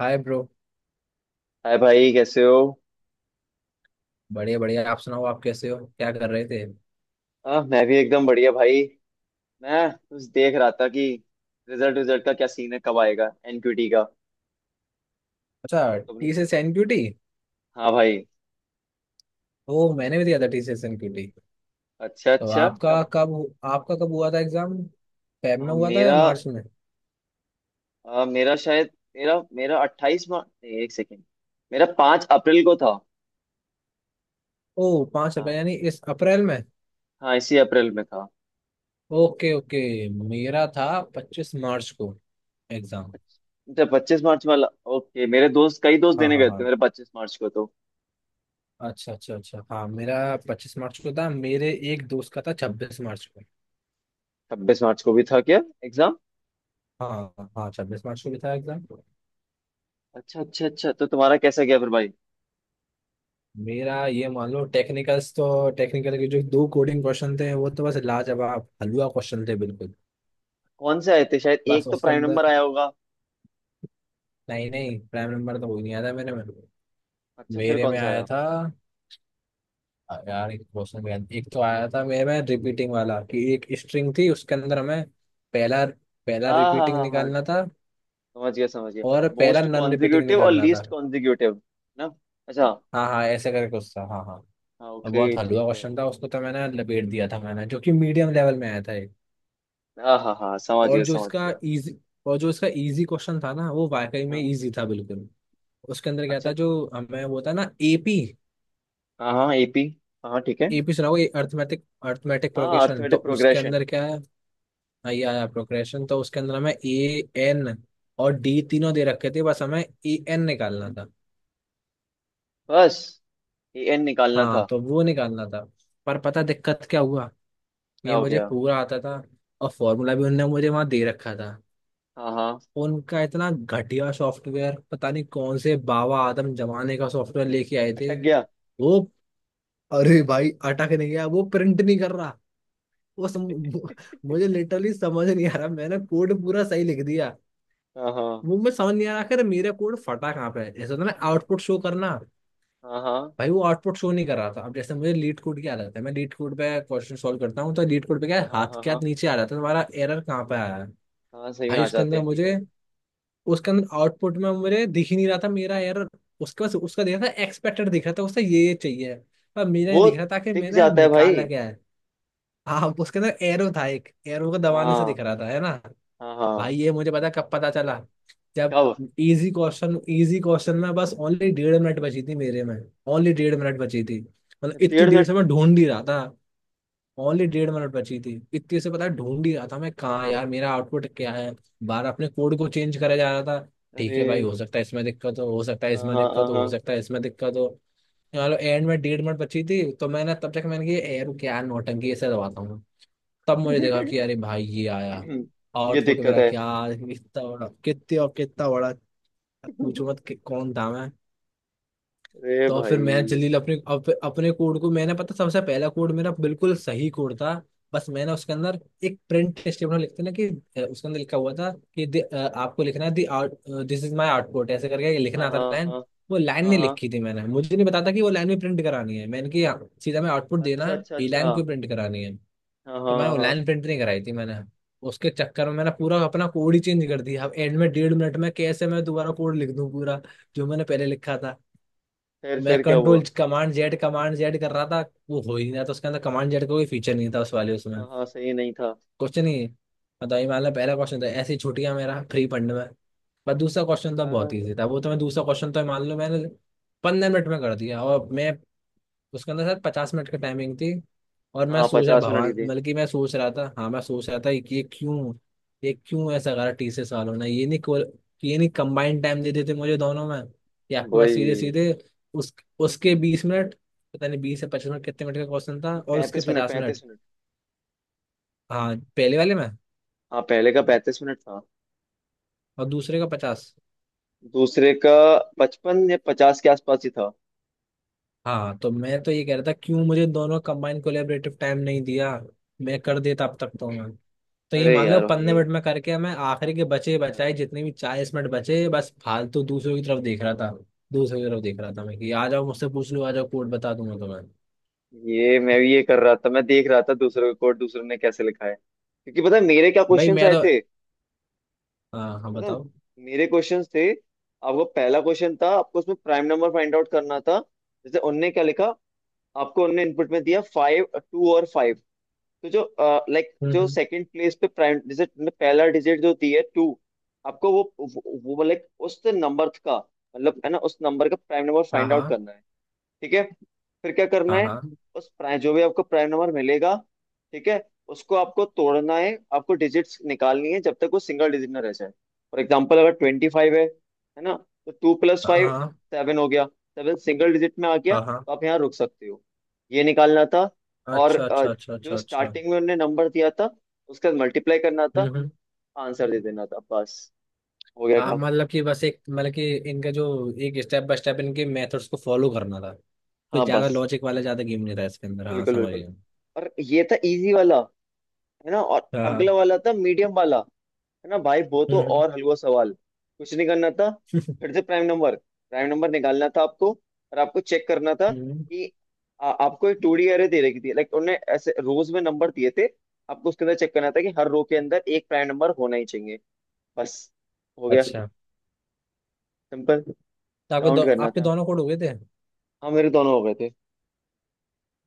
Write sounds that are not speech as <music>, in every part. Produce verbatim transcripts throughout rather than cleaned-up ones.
हाय bro. Hi भाई, कैसे हो? बढ़िया बढ़िया, आप सुनाओ, आप कैसे हो, क्या कर रहे थे? आ, मैं भी एकदम बढ़िया भाई। मैं बस देख रहा था कि रिजल्ट रिजल्ट का क्या सीन है, कब आएगा एनक्यूटी का? अच्छा, तुम। T C S N Q T. हाँ भाई। ओ, मैंने भी दिया था टी सी एस एनक्यूटी। अच्छा तो अच्छा, आपका कब? कब आपका कब हुआ था एग्जाम? फेब में आ, हुआ था या मेरा मार्च में? आ, मेरा शायद मेरा मेरा अट्ठाईस मार्च, एक सेकेंड। मेरा पाँच अप्रैल को था। ओ, पाँच हाँ, अप्रैल यानी इस अप्रैल में। हाँ इसी अप्रैल में था। ओके ओके, मेरा था पच्चीस मार्च को एग्जाम। अच्छा, पच्चीस मार्च वाला। ओके, मेरे दोस्त, कई दोस्त हाँ देने हाँ गए थे हाँ। मेरे पच्चीस मार्च को तो। अच्छा अच्छा अच्छा, हाँ मेरा पच्चीस मार्च को था, मेरे एक दोस्त का था छब्बीस मार्च को। छब्बीस मार्च को भी था क्या एग्जाम? हाँ हाँ हाँ, छब्बीस मार्च को भी था एग्जाम। अच्छा अच्छा अच्छा, तो तुम्हारा कैसा गया फिर भाई? मेरा ये मान लो टेक्निकल्स, तो टेक्निकल के जो दो कोडिंग क्वेश्चन थे वो तो बस लाजवाब हलवा क्वेश्चन थे बिल्कुल। कौन से आए थे? शायद बस एक तो उसके प्राइम अंदर नंबर आया होगा। नहीं नहीं, प्राइम नंबर तो कोई नहीं आया था मेरे में अच्छा, फिर मेरे कौन में सा आया आया? था, आ, यार एक क्वेश्चन भी आया था। एक तो आया था मेरे में रिपीटिंग वाला कि एक स्ट्रिंग थी, उसके अंदर हमें पहला पहला हाँ हाँ रिपीटिंग हाँ हाँ। निकालना था, समझ गया समझ गया। और पहला मोस्ट नॉन रिपीटिंग कॉन्जिक्यूटिव और निकालना था। Least consecutive. ना। अच्छा। हाँ हाँ ऐसे करके कुछ था, हाँ हाँ। हाँ, बहुत ओके, हलवा ठीक है। क्वेश्चन था, उसको तो मैंने लपेट दिया था मैंने, जो कि मीडियम लेवल में आया था। हाँ हाँ हाँ, समझ और गया जो समझ इसका गया। इजी और जो इसका इजी क्वेश्चन था ना, वो वाकई में हाँ। इजी था बिल्कुल। उसके अंदर क्या अच्छा। था, जो हमें वो था ना एपी। हाँ हाँ एपी। हाँ हाँ, ठीक है। एपी सुना होगा, अर्थमेटिक अर्थमेटिक हाँ, प्रोग्रेशन। तो अर्थमेटिक उसके प्रोग्रेशन। अंदर क्या है? हाँ, ये आया प्रोग्रेशन। तो उसके अंदर हमें ए एन और डी तीनों दे रखे थे, बस हमें ए एन निकालना था। बस ए एन निकालना हाँ, था। तो वो निकालना था। पर पता दिक्कत क्या हुआ, क्या ये हो मुझे गया? पूरा आता था, और फॉर्मूला भी उनने मुझे वहां दे रखा था। हाँ हाँ। उनका इतना घटिया सॉफ्टवेयर, पता नहीं कौन से बाबा आदम जमाने का सॉफ्टवेयर लेके आए थे अटक गया। वो। अरे भाई अटक नहीं गया, वो प्रिंट नहीं कर रहा। वो सम, मुझे लिटरली समझ नहीं आ रहा, मैंने कोड पूरा सही लिख दिया। हाँ हाँ। वो मैं समझ नहीं आ रहा आखिर मेरा कोड फटा कहाँ पे है। जैसे होता है ना आउटपुट शो करना, हाँ हाँ। भाई वो आउटपुट शो नहीं कर रहा था। अब जैसे मुझे लीड कोड की आदत है, मैं लीड कोड पे क्वेश्चन सॉल्व करता हूँ, तो लीड कोड पे क्या है, हाँ हाँ हाथ हाँ के हाँ। हाथ नीचे आ जाता है तुम्हारा एरर कहाँ पे आया है। हाँ सही में भाई आ उसके जाते अंदर हैं, ठीक मुझे, है। उसके अंदर आउटपुट में मुझे दिख ही नहीं रहा था मेरा एरर। उसके पास उसका दिख रहा था, एक्सपेक्टेड दिख रहा था, उससे ये ये चाहिए, पर मेरा नहीं वो। दिख रहा था कि टिक मैंने जाता है निकाला भाई। क्या है। हाँ, उसके अंदर एरो था, एक एरो को दबाने से हाँ। दिख रहा था, है ना। हाँ हाँ। भाई ये मुझे पता कब पता चला, जब कब? इजी क्वेश्चन, इजी क्वेश्चन में बस ओनली डेढ़ मिनट बची थी मेरे में। ओनली डेढ़ मिनट बची थी। मतलब इतनी डेढ़ देर से मिनट। मैं ढूंढ ही रहा था। ओनली डेढ़ मिनट बची थी, इतनी से पता है ढूंढ ही रहा था मैं, कहाँ यार मेरा आउटपुट क्या है। बार अपने कोड को चेंज करा जा रहा था, ठीक अरे। है भाई, हो सकता है इसमें दिक्कत हो हो सकता है हाँ इसमें हाँ। दिक्कत हो हो हाँ। सकता है इसमें दिक्कत हो। चलो एंड में डेढ़ मिनट बची थी, तो मैंने तब तक मैंने कि यार क्या नौटंकी, ऐसे दबाता हूँ। तब मुझे देखा कि अरे भाई ये आया ये आउटपुट दिक्कत मेरा, है। क्या कितना बड़ा, कितना और कितना बड़ा। पूछो मत कि कौन था मैं। अरे तो अब भाई। फिर मैं जल्दी अपने अप, अपने कोड को, मैंने पता सबसे पहला कोड मेरा बिल्कुल सही कोड था। बस मैंने उसके अंदर एक प्रिंट स्टेटमेंट लिखते ना कि अ, उसके अंदर लिखा हुआ था कि दि- अ, आपको लिखना है the out, this is my output, ऐसे करके हाँ लिखना था हाँ लाइन। हाँ वो लाइन हाँ। नहीं हाँ, लिखी थी मैंने, मुझे नहीं पता था कि वो लाइन भी प्रिंट करानी है। मैंने कि यहाँ सीधा मैं आउटपुट देना अच्छा है, अच्छा ये अच्छा, लाइन हाँ। क्यों प्रिंट करानी है। हाँ तो मैंने हाँ वो हाँ। लाइन प्रिंट नहीं कराई थी मैंने। उसके चक्कर में मैंने पूरा अपना कोड ही चेंज कर दिया। अब एंड में डेढ़ मिनट में कैसे मैं दोबारा कोड लिख दूं पूरा जो मैंने पहले लिखा था। फिर मैं फिर क्या कंट्रोल हुआ? कमांड जेड, कमांड जेड कर रहा था, वो हो ही नहीं रहा था। उसके अंदर कमांड जेड का कोई फीचर नहीं था उस वाले, उसमें। हाँ हाँ सही नहीं था। क्वेश्चन ही, मतलब ये मान लो पहला क्वेश्चन था, ऐसी छुट्टियां मेरा फ्री फंड में। पर दूसरा क्वेश्चन था, आ, बहुत ईजी था वो। तो मैं दूसरा क्वेश्चन तो मान लो मैंने पंद्रह मिनट में कर दिया, और मैं, उसके अंदर सर पचास मिनट की टाइमिंग थी। और मैं हाँ, सोच रहा पचास मिनट की भगवान, थी। बल्कि मैं सोच रहा था हाँ, मैं सोच रहा था कि ये क्यों ये क्यों ऐसा करा टी सी एस वालों ने, ये नहीं को- ये नहीं कंबाइंड टाइम दे देते मुझे दोनों में कि आपके पास सीधे वही। सीधे। उस उसके बीस मिनट, पता नहीं बीस से पच्चीस मिनट कितने मिनट का क्वेश्चन था, और उसके पैंतीस मिनट पचास मिनट। पैंतीस मिनट। हाँ पहले वाले में, हाँ, पहले का पैंतीस मिनट था। और दूसरे का पचास। दूसरे का। पचपन या पचास के आसपास ही था। हाँ, तो मैं तो ये कह रहा था क्यों मुझे दोनों कंबाइन कोलेबरेटिव टाइम नहीं दिया, मैं कर देता अब तक तो मैं। तो ये अरे मान लो यार पंद्रह भाई। मिनट में करके मैं, आखिरी के बचे बचाए जितने भी चालीस मिनट बचे बस फालतू दूसरों की तरफ देख रहा था। दूसरों की तरफ देख रहा था मैं कि आ जाओ मुझसे पूछ लो, आ जाओ कोड बता दूंगा तुम्हें। ये मैं भी ये कर रहा था, मैं देख रहा था दूसरे का कोड, दूसरों ने कैसे लिखा है, क्योंकि पता है मेरे क्या भाई क्वेश्चंस मैं आए तो, थे। हाँ हाँ पता है बताओ। मेरे क्वेश्चंस थे, आपको पहला क्वेश्चन था, आपको उसमें प्राइम नंबर फाइंड आउट करना था। जैसे उनने क्या लिखा। आपको उनने इनपुट में दिया फाइव। टू और फाइव। तो जो, लाइक हम्म जो हम्म। सेकंड प्लेस पे प्राइम, जैसे तुमने पहला डिजिट जो दी है टू। आपको वो वो लाइक उस नंबर का। मतलब, है ना, उस नंबर का प्राइम नंबर हाँ फाइंड आउट हाँ करना है। ठीक है। फिर क्या करना हाँ है? हाँ। उस प्राइम, जो भी आपको प्राइम नंबर मिलेगा, ठीक है, उसको आपको तोड़ना है, आपको डिजिट्स निकालनी है जब तक वो सिंगल डिजिट ना रह जाए। फॉर एग्जाम्पल, अगर ट्वेंटी फाइव है है ना, तो टू प्लस हाँ फाइव, हाँ सेवन हो गया। सेवन सिंगल डिजिट में आ गया, हाँ हाँ। तो आप यहाँ रुक सकते हो। ये निकालना था। और अच्छा अ, अच्छा अच्छा अच्छा जो अच्छा। स्टार्टिंग में उन्होंने नंबर दिया था, उसका मल्टीप्लाई करना हम्म था। हम्म। आंसर दे देना था बस। हो गया हाँ, काम। मतलब कि बस एक मतलब कि इनका जो एक स्टेप बाय स्टेप इनके मेथड्स को फॉलो करना था, कोई हाँ ज्यादा बस। लॉजिक वाला ज्यादा गेम नहीं था इसके अंदर, हाँ बिल्कुल समझ बिल्कुल। गया। और ये था इजी वाला, है ना, और हाँ अगला हाँ। वाला था मीडियम वाला। है ना भाई, वो तो हम्म और हलवा सवाल। कुछ नहीं करना था। हम्म। फिर से प्राइम नंबर प्राइम नंबर निकालना था आपको। और आपको चेक करना था <laughs> हम्म। कि आ, आपको एक टू डी एरे दे रखी थी, लाइक उन्होंने ऐसे रोज में नंबर दिए थे। आपको उसके अंदर चेक करना था कि हर रो के अंदर एक प्राइम नंबर होना ही चाहिए। बस। हो गया। अच्छा, सिंपल। तो आपके दो, काउंट करना आपके था। दोनों कोड हो गए थे। हाँ मेरे दोनों हो गए थे।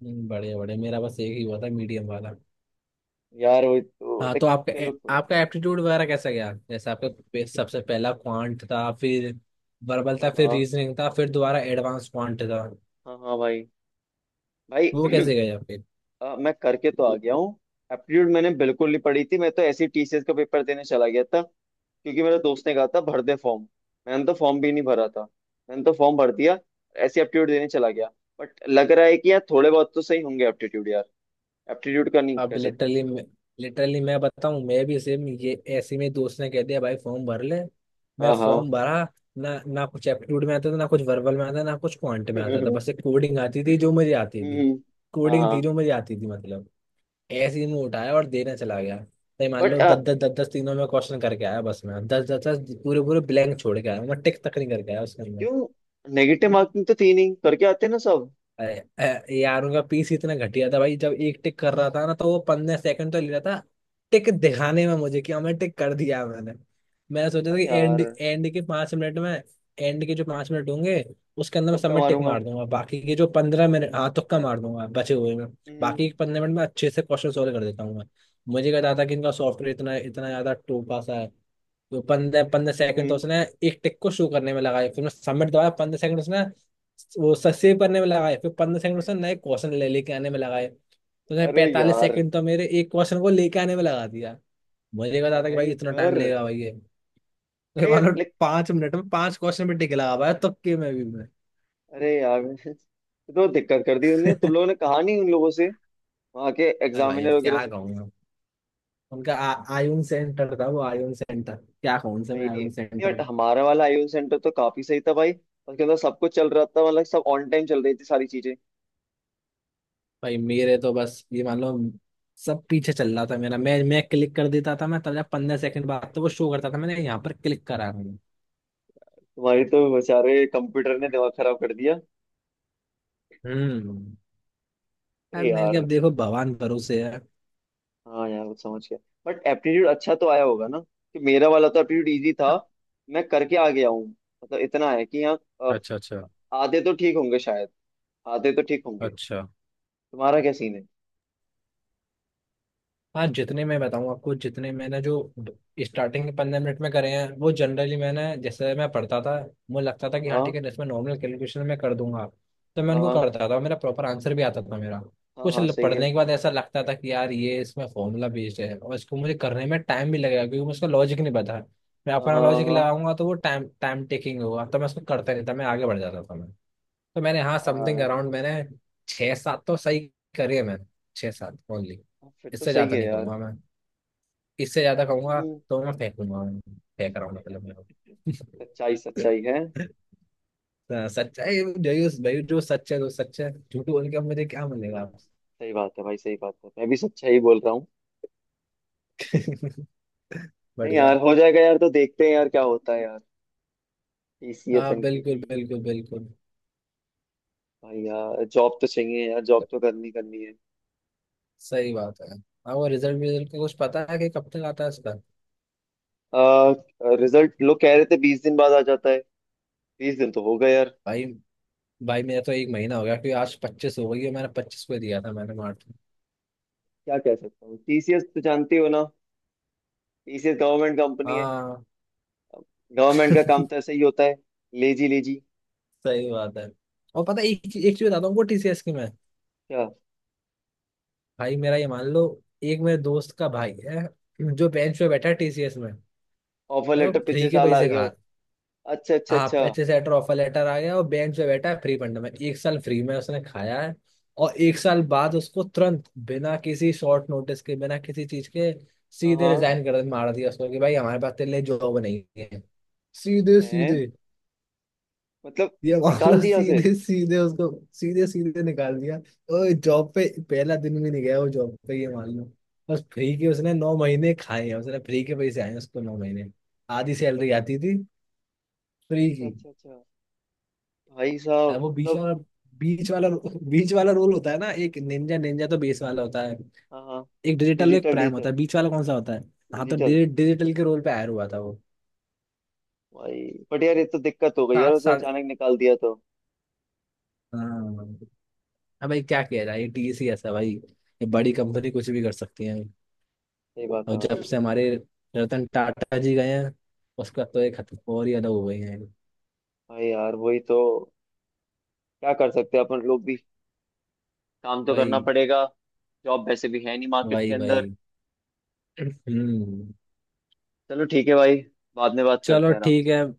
हम्म, बढ़िया बढ़िया, मेरा बस एक ही हुआ था मीडियम वाला। यार वही तो हाँ, तो देख। चलो कोई आपका नहीं। आपका एप्टीट्यूड वगैरह कैसा गया? जैसे आपका पे- सबसे पहला क्वांट था, फिर वर्बल था, हाँ फिर हाँ। रीजनिंग था, फिर दोबारा एडवांस क्वांट था। हाँ हाँ भाई। भाई वो कैसे <clears throat> गए आपके? अ, मैं करके तो आ गया हूँ। एप्टीट्यूड मैंने बिल्कुल नहीं पढ़ी थी, मैं तो ऐसे ही टीसीएस का पेपर देने चला गया था। क्योंकि मेरे दोस्त ने कहा था भर दे फॉर्म। मैंने तो फॉर्म भी नहीं भरा था। मैंने तो फॉर्म भर दिया, ऐसे एप्टीट्यूड देने चला गया। बट लग रहा है कि यार थोड़े बहुत तो सही होंगे एप्टीट्यूड यार। एप्टीट्यूड का नहीं अब कह सकता मैं लिटरली, कुछ। लिटरली मैं बताऊं मैं भी सेम ये, ऐसे में दोस्त ने कह दिया भाई फॉर्म भर ले, मैं हाँ हाँ। फॉर्म भरा। ना ना कुछ एप्टीट्यूड में आता था, ना कुछ वर्बल में आता था, ना कुछ क्वांट में आता था, बस <laughs> एक कोडिंग आती थी जो मुझे आती थी। हम्म। हाँ कोडिंग थी हाँ। जो मुझे आती थी मतलब। ऐसे ही मैं उठाया और देने चला गया। नहीं मान बट लो दस दस दस दस तीनों में क्वेश्चन करके आया बस मैं, दस दस दस पूरे पूरे ब्लैंक छोड़ के आया, मैं टिक तक नहीं करके आया उसके अंदर। क्यों? नेगेटिव मार्किंग तो तीन ही करके आते हैं ना सब। अरे अ, यार, उनका पीस इतना घटिया था भाई, जब एक टिक कर रहा था ना तो वो पंद्रह सेकंड तो ले रहा था टिक दिखाने में मुझे कि हमें टिक कर दिया मैंने। मैंने सोचा था अरे कि एंड यार। एंड के पांच मिनट में, एंड के जो पांच मिनट होंगे उसके अंदर मैं सब तुक्का में टिक मारूंगा। मार दूंगा, बाकी के जो पंद्रह मिनट हाँ तुक्का मार दूंगा बचे हुए में। हम्म। बाकी के पंद्रह मिनट में अच्छे से क्वेश्चन सॉल्व कर देता हूँ मैं। मुझे कहता था कि इनका सॉफ्टवेयर इतना इतना ज्यादा टोपा सा है। तो पंद्रह पंद्रह सेकंड तो हम्म। उसने एक टिक को शो करने में लगाए, फिर मैं सबमिट दबाया पंद्रह सेकंड उसने वो सेव करने में लगाए, फिर पंद्रह सेकंड उसने नए क्वेश्चन ले लेके आने में लगाए, तो उसने अरे पैंतालीस यार। सेकंड तो मेरे एक क्वेश्चन को लेके आने में लगा दिया। मुझे पता था कि भाई इतना टाइम भयंकर। लेगा भाई ये। तो अरे मान यार, लो like। पांच मिनट में पांच क्वेश्चन पे टिक लगा पाया तुक्के में भी मैं। अरे यार, <laughs> तो दिक्कत कर दी उन्होंने, तुम लोगों <laughs> ने कहा नहीं उन लोगों से, वहां के अरे भाई एग्जामिनर अब वगैरह? क्या कहूँ मैं। उनका आ, आयुन सेंटर था वो, आयुन सेंटर क्या कहूँ उनसे भाई मैं, नहीं। आयुन सेंटर। बट हमारा वाला आईओ सेंटर तो काफी सही था भाई, उसके अंदर सब कुछ चल रहा था, मतलब सब ऑन टाइम चल रही थी सारी चीजें। भाई मेरे तो बस ये मान लो सब पीछे चल रहा था मेरा, मैं मैं क्लिक कर देता था मैं, तब जा पंद्रह सेकंड बाद तो वो शो करता था मैंने यहाँ पर क्लिक करा हूँ। तुम्हारी तो बेचारे कंप्यूटर ने दिमाग खराब कर दिया। हम्म। अरे अब मैंने कहा, यार। अब देखो भगवान भरोसे है। हाँ यार वो समझ गया। बट एप्टीट्यूड अच्छा तो आया होगा ना, कि मेरा वाला तो एप्टीट्यूड इजी था। मैं करके आ गया हूँ। मतलब इतना है कि हाँ, अ, अच्छा अच्छा आधे तो ठीक होंगे शायद। आधे तो ठीक होंगे। अच्छा। तुम्हारा क्या सीन है? हाँ जितने मैं बताऊँ आपको, जितने मैंने जो स्टार्टिंग के पंद्रह मिनट में करे हैं, वो जनरली मैंने जैसे मैं पढ़ता था, मुझे लगता था कि हाँ ठीक हाँ है इसमें नॉर्मल कैलकुलेशन मैं कर दूंगा, तो मैं हाँ। उनको हाँ करता था, मेरा प्रॉपर आंसर भी आता था मेरा। हाँ। कुछ हाँ ल- सही है। पढ़ने के बाद ऐसा लगता था कि यार ये इसमें फॉर्मूला बेस्ड है और इसको मुझे करने में टाइम भी लगेगा क्योंकि मुझे उसका लॉजिक नहीं पता है, मैं हाँ अपना हाँ। लॉजिक हाँ लगाऊंगा तो वो टाइम टाइम टेकिंग होगा, तो मैं उसको करता नहीं था, मैं आगे बढ़ जाता था मैं। तो मैंने हाँ समथिंग हाँ। अराउंड मैंने छः सात तो सही करे हैं मैंने, छः सात ओनली। हाँ, फिर तो इससे सही ज्यादा है नहीं यार। कहूंगा मैं, इससे ज्यादा कहूंगा हम्म। तो मैं फेंकूंगा मैं, फेंक रहा हूँ मतलब मैं। सच्चाई सच्चाई है। <laughs> हाँ, सच्चा है जो, भाई जो सच है तो सच है, झूठ बोल के अब मुझे क्या हम्म, मिलेगा। सही बात है भाई, सही बात है, मैं भी सच्चाई ही बोल रहा हूँ। <laughs> नहीं बढ़िया। यार, हो जाएगा यार, तो देखते हैं यार क्या होता है यार। टीसीएस हाँ बिल्कुल एनक्यूटी। बिल्कुल बिल्कुल। भाई यार, जॉब तो चाहिए यार, जॉब तो करनी करनी है। सही बात है। हाँ, वो रिजल्ट रिजल्ट का कुछ पता है कि कब तक आता है इसका? आ, रिजल्ट लोग कह रहे थे बीस दिन बाद आ जाता है। बीस दिन तो हो गए यार। भाई भाई, मेरा तो एक महीना हो गया क्योंकि आज पच्चीस हो गई है, मैंने पच्चीस को दिया था मैंने मार्च में। क्या कह सकता हूँ, टीसीएस तो जानते हो ना। टीसीएस गवर्नमेंट कंपनी है। हाँ। गवर्नमेंट का काम तो <laughs> ऐसा ही होता है। Lazy lazy. सही बात है। और पता है एक एक चीज बताता हूँ टी सी एस की मैं। क्या? भाई मेरा ये मान लो एक मेरे दोस्त का भाई है जो बेंच पे बैठा है टी सी एस में भाई। ऑफर वो लेटर फ्री पिछले के साल आ पैसे गया खा, हो। अच्छा अच्छा आप अच्छा। अच्छे से लेटर ऑफर लेटर आ गया और बेंच पे बैठा है फ्री फंड में, एक साल फ्री में उसने खाया है। और एक साल बाद उसको तुरंत बिना किसी शॉर्ट नोटिस के बिना किसी चीज के हाँ सीधे हाँ। रिजाइन कर मार दिया उसको कि भाई हमारे पास तेरे लिए जॉब नहीं है। सीधे है। सीधे। मतलब, ये मामला निकाल दिया उसे? सीधे सीधे उसको, सीधे सीधे निकाल दिया। और जॉब पे पहला दिन भी नहीं गया वो जॉब पे ये मान लो। बस फ्री के उसने नौ महीने खाए हैं, उसने फ्री के पैसे आए हैं उसको नौ महीने, आधी सैलरी अरे। आती थी फ्री अच्छा की। अच्छा अच्छा। भाई साहब, अब वो बीच मतलब। वाला बीच वाला बीच वाला रोल होता है ना। एक निंजा, निंजा तो बेस वाला होता है, हाँ हाँ। एक डिजिटल, एक डिजिटल प्राइम डिजिटल। होता है। बीच वाला कौन सा होता है? हाँ तो डिजिटल। डिजि- डिजिटल के रोल पे आया हुआ था वो। भाई। बट यार, ये तो दिक्कत हो गई यार, सात उसे साढ़े। अचानक निकाल दिया तो। हाँ अब भाई क्या किया जाए, ये टीसी ऐसा भाई, ये बड़ी कंपनी कुछ भी कर सकती है। सही बात और है जब भाई। से हमारे रतन टाटा जी गए हैं, उसका तो एक हद और ही अलग हो गई है। भाई यार, वही तो। क्या कर सकते हैं अपन लोग भी। काम तो भाई करना पड़ेगा। जॉब वैसे भी है नहीं मार्केट के भाई अंदर। भाई। हम्म। चलो ठीक है भाई। बाद में बात करते चलो हैं आराम ठीक से। है,